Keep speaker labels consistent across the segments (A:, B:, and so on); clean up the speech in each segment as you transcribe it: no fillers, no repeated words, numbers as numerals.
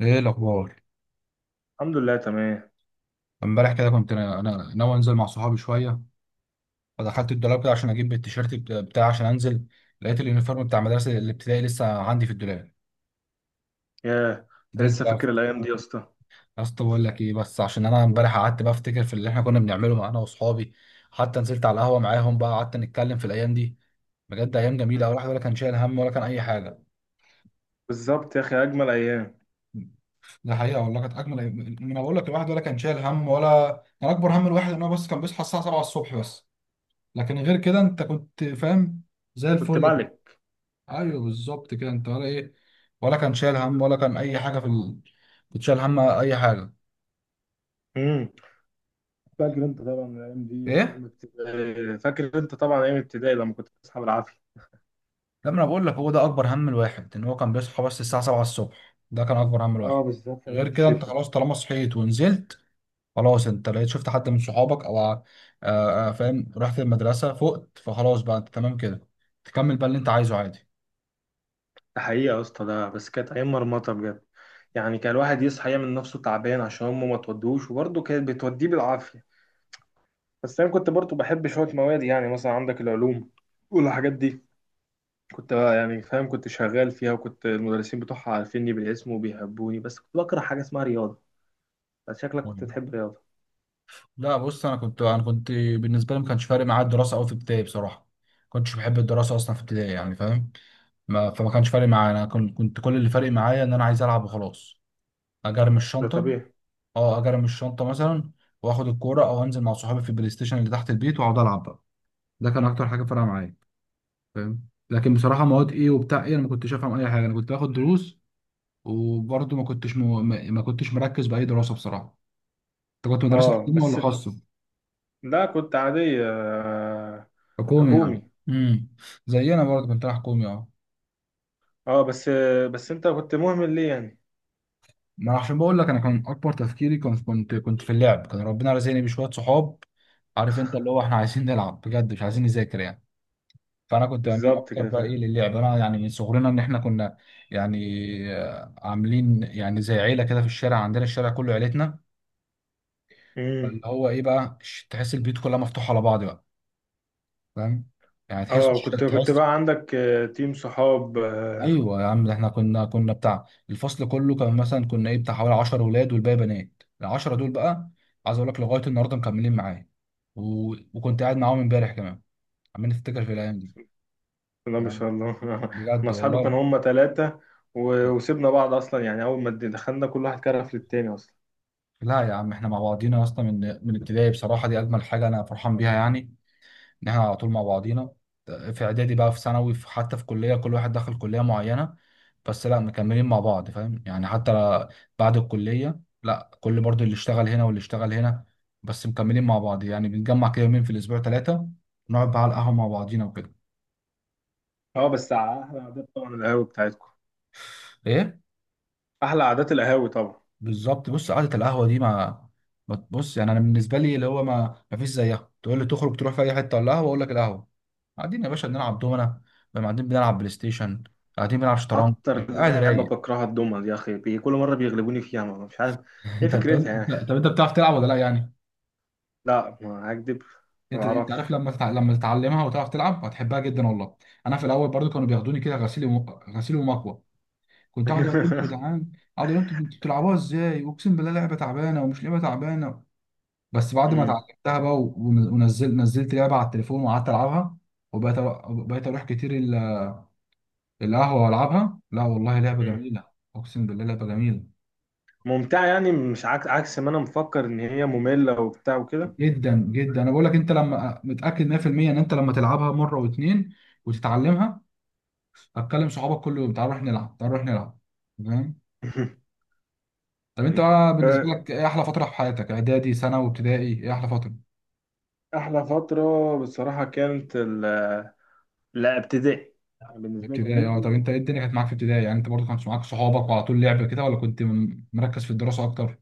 A: ايه الاخبار؟
B: الحمد لله، تمام.
A: امبارح كده كنت انا ناوي انزل مع صحابي شويه. فدخلت الدولاب كده عشان اجيب التيشيرت بتاعي عشان انزل. لقيت اليونيفورم بتاع مدرسه الابتدائي لسه عندي في الدولاب.
B: ياه! انت
A: فضلت
B: لسه
A: بقى
B: فاكر الايام دي يا اسطى؟
A: يا اسطى بقول لك ايه، بس عشان انا امبارح قعدت بقى افتكر في اللي احنا كنا بنعمله مع انا واصحابي. حتى نزلت على القهوه معاهم بقى قعدت نتكلم في الايام دي. بجد ايام جميله، الواحد ولا كان شايل هم ولا كان اي حاجه.
B: بالظبط يا اخي، اجمل ايام.
A: ده حقيقه والله كانت اجمل أيام. انا بقول لك الواحد ولا كان شايل هم، ولا كان اكبر هم الواحد ان هو بس كان بيصحى الساعه 7 الصبح بس. لكن غير كده انت كنت فاهم. زي
B: كنت
A: الفل بقى.
B: مالك.
A: ايوه بالظبط كده، انت ولا ايه؟ ولا كان شايل هم ولا كان اي حاجه في كنت شايل هم اي حاجه؟
B: امم فاكر انت طبعا الايام دي. ايام
A: ايه.
B: ابتدائي آه، فاكر انت طبعا ايام ابتدائي لما كنت بتصحى بالعافيه.
A: لما انا بقول لك هو ده اكبر هم الواحد، ان هو كان بيصحى بس الساعه 7 الصبح، ده كان اكبر هم
B: اه،
A: الواحد.
B: بالذات ايام
A: غير كده انت
B: الشتاء.
A: خلاص طالما صحيت ونزلت، خلاص انت لقيت شفت حد من صحابك، او فاهم رحت المدرسه فقت فخلاص بقى انت تمام كده. تكمل بقى اللي انت عايزه عادي.
B: ده حقيقه يا اسطى، ده بس كانت ايام مرمطه بجد. يعني كان الواحد يصحى يعمل نفسه تعبان عشان امه ما تودوش، وبرضه كانت بتوديه بالعافيه. بس انا كنت برضه بحب شويه مواد، يعني مثلا عندك العلوم والحاجات دي. كنت بقى يعني فاهم، كنت شغال فيها، وكنت المدرسين بتوعها عارفيني بالاسم وبيحبوني، بس كنت بكره حاجة اسمها رياضة. بس شكلك كنت بتحب رياضة.
A: لا بص، انا كنت بالنسبه لي ما كانش فارق معايا الدراسه قوي في ابتدائي. بصراحه ما كنتش بحب الدراسه اصلا في ابتدائي، يعني فاهم. ما فما كانش فارق معايا. انا كنت كل اللي فارق معايا ان انا عايز العب وخلاص. اجرم
B: ده
A: الشنطه.
B: طبيعي.
A: اه اجرم الشنطه مثلا. واخد الكوره او انزل مع صحابي في البلاي ستيشن اللي تحت البيت، واقعد العب بقى. ده كان اكتر حاجه فارقه معايا فاهم. لكن بصراحه مواد ايه وبتاع ايه، انا ما كنتش افهم اي حاجه. انا كنت باخد دروس وبرضه ما كنتش ما كنتش مركز باي دراسه بصراحه. انت كنت مدرسه
B: اه،
A: حكومه ولا
B: بس.
A: خاصه؟
B: لا، كنت عادية، آه،.
A: حكومي يعني.
B: حكومي.
A: امم. زينا برضه، كنت رايح حكومي اه.
B: اه، بس. بس انت كنت مهمل ليه يعني؟
A: ما أنا عشان بقول لك انا كان اكبر تفكيري كنت في اللعب. كان ربنا رزقني بشويه صحاب، عارف انت، اللي هو احنا عايزين نلعب بجد مش عايزين نذاكر يعني. فانا كنت بميل
B: بالظبط
A: اكتر
B: كده،
A: بقى
B: فاهم.
A: ايه للعب. انا يعني من صغرنا ان احنا كنا يعني عاملين يعني زي عيله كده في الشارع. عندنا الشارع كله عيلتنا.
B: امم.
A: اللي هو ايه بقى، تحس البيوت كلها مفتوحه على بعض بقى، فاهم؟ يعني تحس.
B: اه، كنت
A: تحس.
B: بقى عندك تيم صحاب.
A: ايوه يا عم. ده احنا كنا بتاع الفصل كله، كان مثلا كنا ايه بتاع حوالي 10 ولاد والباقي بنات. العشرة دول بقى عايز اقول لك لغايه النهارده مكملين معايا. وكنت قاعد معاهم امبارح كمان، عمال نفتكر في الايام دي.
B: بسم الله ما
A: فاهم؟
B: شاء الله انا
A: بجد
B: اصحابي
A: والله.
B: كانوا هم ثلاثة. وسيبنا بعض اصلا، يعني اول ما دخلنا كل واحد كرف للتاني اصلا.
A: لا لا يا عم، احنا مع بعضينا اصلا من ابتدائي بصراحه. دي اجمل حاجه انا فرحان بيها، يعني ان احنا على طول مع بعضينا. في اعدادي بقى، في ثانوي، في حتى في كليه، كل واحد دخل كليه معينه، بس لا مكملين مع بعض. فاهم يعني. حتى بعد الكليه، لا كل برضو اللي اشتغل هنا واللي اشتغل هنا، بس مكملين مع بعض. يعني بنتجمع كده يومين في الاسبوع، ثلاثه، نقعد بقى على القهوه مع بعضينا وكده.
B: اه، بس على احلى عادات طبعا القهوة بتاعتكم.
A: ايه.
B: احلى عادات القهاوي طبعا.
A: بالظبط. بص قعدة القهوة دي ما بص، يعني انا بالنسبة لي اللي هو ما فيش زيها. تقول لي تخرج تروح في اي حتة ولا قهوة؟ اقول لك القهوة. قاعدين يا باشا بنلعب دومنا بقى، قاعدين بنلعب بلاي ستيشن، قاعدين بنلعب شطرنج،
B: اكتر
A: انت قاعد
B: لعبه
A: رايق.
B: بكرهها الدومنه دي يا اخي، كل مره بيغلبوني فيها، ما مش عارف. ايه
A: انت طب
B: فكرتها
A: انت
B: يعني؟
A: طب انت بتعرف تلعب ولا لا يعني؟
B: لا، ما هكدب. ما
A: انت عارف
B: اعرفش.
A: لما لما تتعلمها وتعرف تلعب هتحبها جدا والله. انا في الاول برضو كانوا بياخدوني كده غسيل غسيل ومكوى. كنت اقعد اقول لهم يا جدعان، اقعد اقول لهم انتوا بتلعبوها ازاي، اقسم بالله لعبه تعبانه. ومش لعبه تعبانه بس بعد ما
B: أمم.
A: اتعلمتها بقى. ونزلت لعبه على التليفون وقعدت العبها. وبقيت بقيت اروح كتير القهوه والعبها. لا والله لعبه
B: أمم.
A: جميله. اقسم بالله لعبه جميله
B: ممتعه يعني، مش عكس ما انا مفكر ان هي ممله وبتاع وكده.
A: جدا جدا. انا بقول لك انت لما متاكد 100% ان انت لما تلعبها مره واتنين وتتعلمها هتكلم صحابك كل يوم تعال نروح نلعب، تعال نروح نلعب. تمام. طب انت بقى بالنسبه
B: أه،
A: لك ايه احلى فتره في حياتك، اعدادي، ثانوي، ابتدائي؟ ايه احلى فتره؟
B: احلى فتره بصراحه لا، ابتدائي. بالنسبه لي،
A: ابتدائي اه. طب
B: ابتدائي.
A: انت ايه الدنيا كانت معاك في ابتدائي يعني؟ انت برضو كانت معاك صحابك وعلى طول لعب كده ولا كنت مركز في الدراسه اكتر؟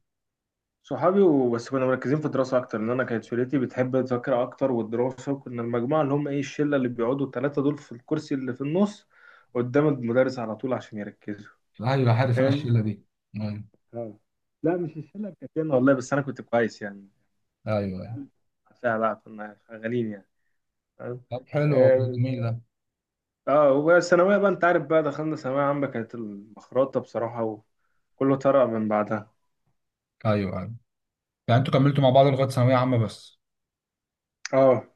B: صحابي وبس، كنا مركزين في الدراسة أكتر لأن أنا كانت شلتي بتحب المذاكرة أكتر والدراسة، وكنا المجموعة اللي هم إيه الشلة اللي بيقعدوا التلاتة دول في الكرسي اللي في النص قدام المدرس على طول عشان يركزوا.
A: ايوه عارف انا
B: فاهم؟
A: الشله دي. ايوه.
B: آه. لا، مش الشلة بتاعتنا والله، بس أنا كنت كويس يعني.
A: ايوه.
B: مش
A: ايوه
B: العيال بتاعتها بقى، كنا شغالين يعني. فاهم؟
A: طب حلو والله،
B: آه.
A: جميل ده.
B: آه، والثانوية بقى أنت عارف بقى، دخلنا ثانوية عامة، كانت المخرطة بصراحة، وكله طرق من بعدها.
A: ايوه ايوه. يعني انتوا كملتوا مع بعض لغايه ثانويه عامه بس؟
B: آه.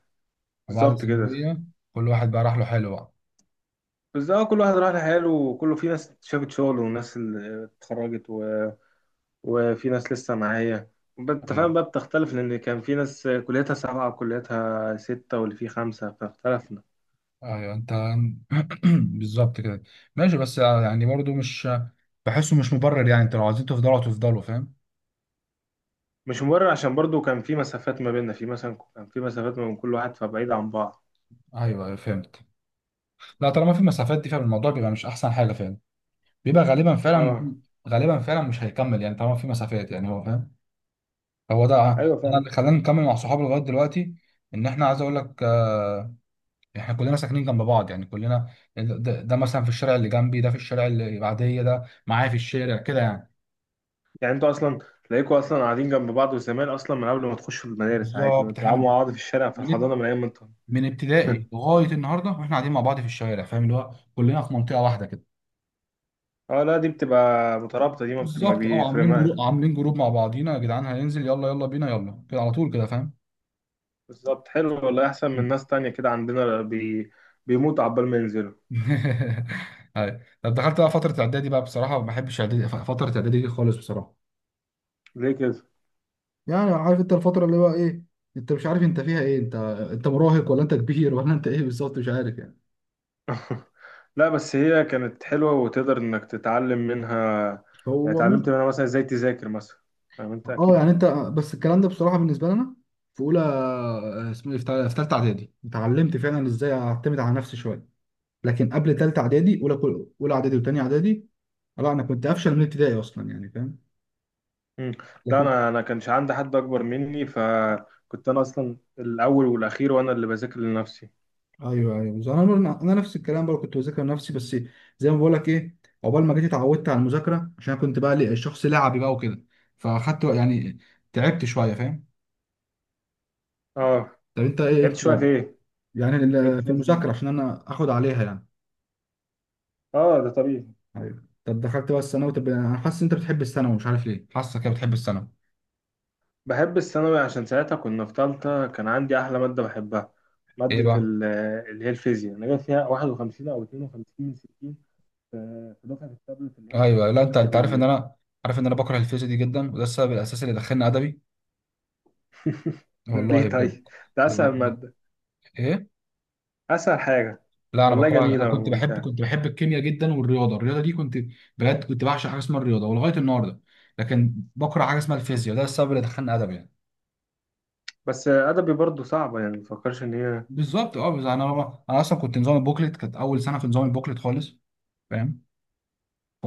A: وبعد
B: بالظبط كده.
A: الثانويه كل واحد بقى راح له، حلو بقى.
B: بس، اه، كل واحد راح لحاله، وكله في ناس شافت شغل وناس اللي اتخرجت، وفي ناس لسه معايا. انت فاهم
A: ايوه
B: بقى، بتختلف لان كان في ناس كليتها سبعة وكليتها ستة واللي فيه خمسة فاختلفنا.
A: ايوه انت. بالظبط كده. ماشي، بس يعني برضو مش بحسه مش مبرر يعني. انتوا لو عايزين تفضلوا تفضلوا، فاهم.
B: مش مبرر عشان برضو كان في مسافات ما بيننا، في مثلا كان في مسافات ما بين كل واحد، فبعيد عن بعض.
A: ايوه ايوه فهمت. لا طالما في مسافات دي، فالموضوع بيبقى مش احسن حاجه فعلا. بيبقى غالبا فعلا،
B: اه.
A: غالبا فعلا مش هيكمل يعني. طالما في مسافات يعني هو فاهم. هو ده.
B: ايوه،
A: انا
B: فعلا.
A: اللي خلاني نكمل مع صحابي لغايه دلوقتي ان احنا عايز اقول لك احنا كلنا ساكنين جنب بعض يعني كلنا. ده مثلا في الشارع اللي جنبي، ده في الشارع اللي بعديه، ده معايا في الشارع كده يعني.
B: يعني انتوا اصلا تلاقيكوا اصلا قاعدين جنب بعض، وزمان اصلا من قبل ما تخشوا المدارس عادي
A: بالظبط. احنا
B: وتلعبوا مع بعض في الشارع، في
A: من
B: الحضانة، من ايام ما انتوا.
A: من ابتدائي لغايه النهارده واحنا قاعدين مع بعض في الشارع. فاهم، اللي هو كلنا في منطقه واحده كده.
B: اه، لا، دي بتبقى مترابطة دي، ما
A: بالظبط اه.
B: بيفرق.
A: عاملين جروب مع بعضينا يا جدعان هننزل، يلا يلا بينا يلا كده على طول كده فاهم.
B: بالظبط، حلو والله، احسن من
A: مم.
B: ناس تانية كده عندنا بيموت عبال ما ينزلوا.
A: أيوة. طب دخلت بقى فتره اعدادي. بقى بصراحه ما بحبش اعدادي، فتره اعدادي دي خالص بصراحه.
B: ليه كده؟
A: يعني عارف انت الفترة اللي هو ايه. انت مش عارف انت فيها ايه، انت انت مراهق ولا انت كبير ولا انت ايه بالظبط، مش عارف يعني.
B: لا، بس هي كانت حلوة وتقدر انك تتعلم منها. يعني
A: هو
B: اتعلمت
A: ممكن.
B: منها مثلا ازاي تذاكر مثلا. فاهم انت
A: اه
B: اكيد.
A: يعني انت. بس الكلام ده بصراحة بالنسبة لنا في اولى، اسمه ايه، في في تالتة اعدادي اتعلمت فعلا ازاي اعتمد على نفسي شوية. لكن قبل تالتة اعدادي، اولى اولى اعدادي وتانية اعدادي، لا انا كنت افشل من ابتدائي اصلا يعني فاهم.
B: مم. لا،
A: لكن
B: انا كانش عندي حد اكبر مني، فكنت انا اصلا الاول والاخير، وانا اللي بذاكر لنفسي.
A: ايوه ايوه. بس انا انا أنا نفس الكلام برضه كنت بذاكر نفسي بس. زي ما بقول لك ايه، عقبال ما جيت اتعودت على المذاكره عشان أنا كنت بقى شخص لعبي بقى وكده. فاخدت يعني تعبت شويه فاهم.
B: اه.
A: طب انت
B: لعبت
A: ايه؟
B: شوية في
A: لا،
B: ايه؟
A: يعني
B: لعبت
A: في
B: شوية ازاي؟
A: المذاكره عشان انا اخد عليها يعني.
B: اه، ده طبيعي.
A: ايوه. طب دخلت بقى الثانوي. طب انا حاسس إن انت بتحب الثانوي، مش عارف ليه حاسك كده بتحب الثانوي.
B: بحب الثانوي عشان ساعتها كنا في تالتة، كان عندي أحلى مادة بحبها.
A: ايه
B: مادة
A: بقى؟
B: ال- اللي هي الفيزياء. أنا جايب فيها 51 أو 52 من 60. ف- في دفعة التابلت اللي هي أصلا
A: ايوه. لا
B: مش
A: انت
B: حد
A: انت عارف ان
B: بي.
A: انا عارف ان انا بكره الفيزياء دي جدا، وده السبب الاساسي اللي دخلني ادبي. والله
B: ليه
A: بجد.
B: طيب؟ ده أسهل
A: بجد.
B: مادة.
A: ايه؟
B: أسهل حاجة.
A: لا انا
B: والله
A: بكرهها. انا
B: جميلة
A: كنت بحب
B: وممتعة.
A: كنت بحب الكيمياء جدا، والرياضه. الرياضه دي كنت بجد كنت بعشق حاجه اسمها الرياضه ولغايه النهارده. لكن بكره حاجه اسمها الفيزياء، ده السبب اللي دخلني ادب يعني.
B: بس أدبي برضو صعبة يعني، مفكرش إن هي.
A: بالظبط اه. بس انا اصلا كنت نظام البوكلت. كانت اول سنه في نظام البوكلت خالص فاهم.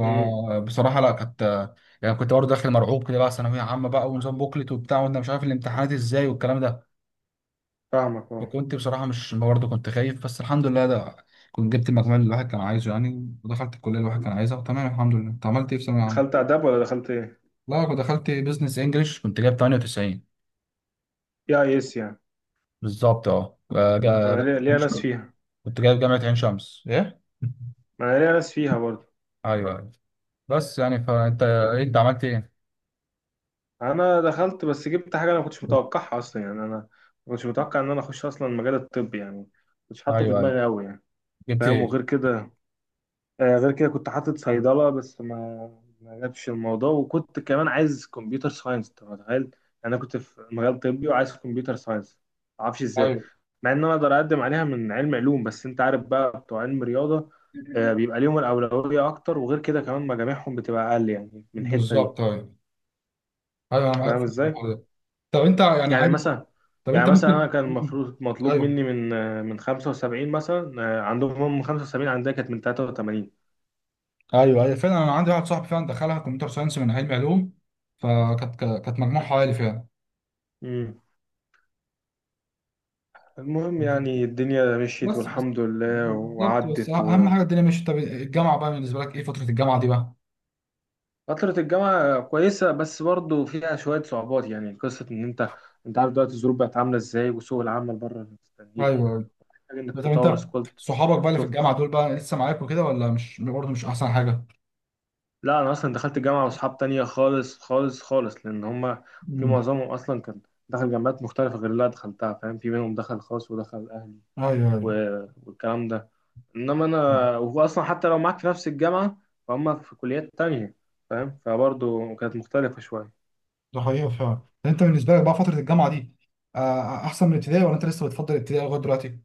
B: مم.
A: لا كانت يعني كنت برضه داخل مرعوب كده بقى، ثانويه عامه بقى ونظام بوكلت وبتاع وانا مش عارف الامتحانات ازاي والكلام ده.
B: فاهمك، أه.
A: فكنت بصراحه مش برضه كنت خايف، بس الحمد لله ده كنت جبت المجموع اللي الواحد كان عايزه يعني، ودخلت الكليه اللي الواحد كان عايزها، وتمام الحمد لله. انت عملت ايه في ثانويه
B: دخلت
A: عامه؟
B: آداب ولا دخلت إيه؟
A: لا أنا دخلت بزنس انجلش. كنت جايب 98.
B: يا يس يعني.
A: بالظبط اه.
B: ما أنا ليا ناس فيها.
A: كنت جايب جامعة عين شمس ايه.
B: ما أنا ليا ناس فيها برضو.
A: ايوه ايوه. بس يعني فانت انت عملت ايه؟
B: انا دخلت، بس جبت حاجه انا ما كنتش متوقعها اصلا، يعني انا ما كنتش متوقع ان انا اخش اصلا المجال الطبي يعني، ما كنتش حاطه في
A: ايوه ايوه.
B: دماغي قوي يعني.
A: جبت
B: فاهم؟
A: ايه؟
B: وغير كده، آه، غير كده كنت حاطط صيدله، بس ما جابش الموضوع، وكنت كمان عايز كمبيوتر ساينس. انت متخيل يعني؟ انا كنت في مجال طبي وعايز كمبيوتر ساينس، ما اعرفش ازاي.
A: ايوه.
B: مع ان انا اقدر اقدم عليها من علم علوم، بس انت عارف بقى بتوع علم رياضه، آه، بيبقى ليهم الاولويه اكتر، وغير كده كمان مجاميعهم بتبقى اقل يعني من الحته دي.
A: بالظبط. ايوه ايوه، انا معاك
B: فاهم
A: في
B: ازاي؟
A: الحوار ده. طب انت يعني
B: يعني
A: عادي.
B: مثلا.
A: طب انت
B: يعني مثلا انا
A: ممكن.
B: كان
A: مم.
B: المفروض مطلوب
A: ايوه
B: مني من 75 مثلا، عندهم هم 75 عندها كانت من 83.
A: ايوه. ايوه فعلا انا عندي واحد صاحبي فعلا دخلها كمبيوتر ساينس من علم علوم. فكانت مجموعها عالي فعلا.
B: امم المهم يعني الدنيا مشيت
A: بس
B: والحمد لله،
A: بالظبط. بس
B: وعدت
A: اهم
B: و
A: حاجه الدنيا ماشيه. طب الجامعه بقى، بالنسبه لك ايه فتره الجامعه دي بقى؟
B: فترة الجامعة كويسة بس برضه فيها شوية صعوبات، يعني قصة إن أنت عارف دلوقتي الظروف بقت عاملة إزاي، وسوق العمل بره مستنيك،
A: ايوه أيوة.
B: محتاج إنك
A: طب
B: تطور
A: انت
B: سكولت.
A: صحابك بقى اللي في الجامعه
B: سوفت.
A: دول بقى لسه معاك وكده ولا مش برضه مش احسن حاجه؟
B: لا، انا اصلا دخلت جامعه واصحاب تانية خالص خالص خالص لان هما في
A: امم.
B: معظمهم اصلا كان دخل جامعات مختلفه غير اللي انا دخلتها. فاهم؟ في منهم دخل خاص ودخل اهلي
A: ايوه ايوه.
B: والكلام ده، انما انا،
A: مم.
B: وهو اصلا حتى لو معاك في نفس الجامعه فهم في كليات تانية، فاهم، فبرضه كانت مختلفه شويه.
A: ده حقيقه فعلا. طب انت بالنسبه لك بقى فتره الجامعه دي احسن من الابتدائي ولا انت لسه بتفضل الابتدائي لغايه دلوقتي؟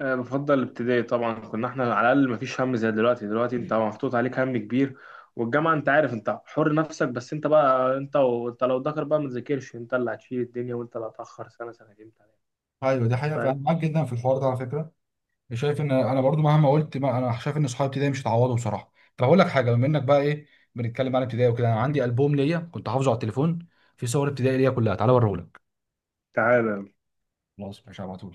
B: أه، بفضل الابتدائي طبعا، كنا احنا على الاقل مفيش هم زي دلوقتي. دلوقتي انت محطوط عليك هم كبير، والجامعه انت عارف انت حر نفسك، بس انت بقى انت، وانت لو ذاكر بقى، ما تذاكرش، انت اللي هتشيل الدنيا وانت اللي هتاخر سنه سنتين تلاتة.
A: ايوه دي حقيقه فعلا،
B: فاهم.
A: معاك جدا في الحوار ده على فكره. شايف ان انا برضو مهما قلت، ما انا شايف ان صحابي ابتدائي مش هيتعوضوا بصراحه. طب اقول لك حاجه، بما انك بقى ايه بنتكلم عن ابتدائي وكده، انا عندي البوم ليا كنت حافظه على التليفون في صور ابتدائي ليا كلها، تعالى اوريهولك.
B: تعالى
A: خلاص مش هبعته.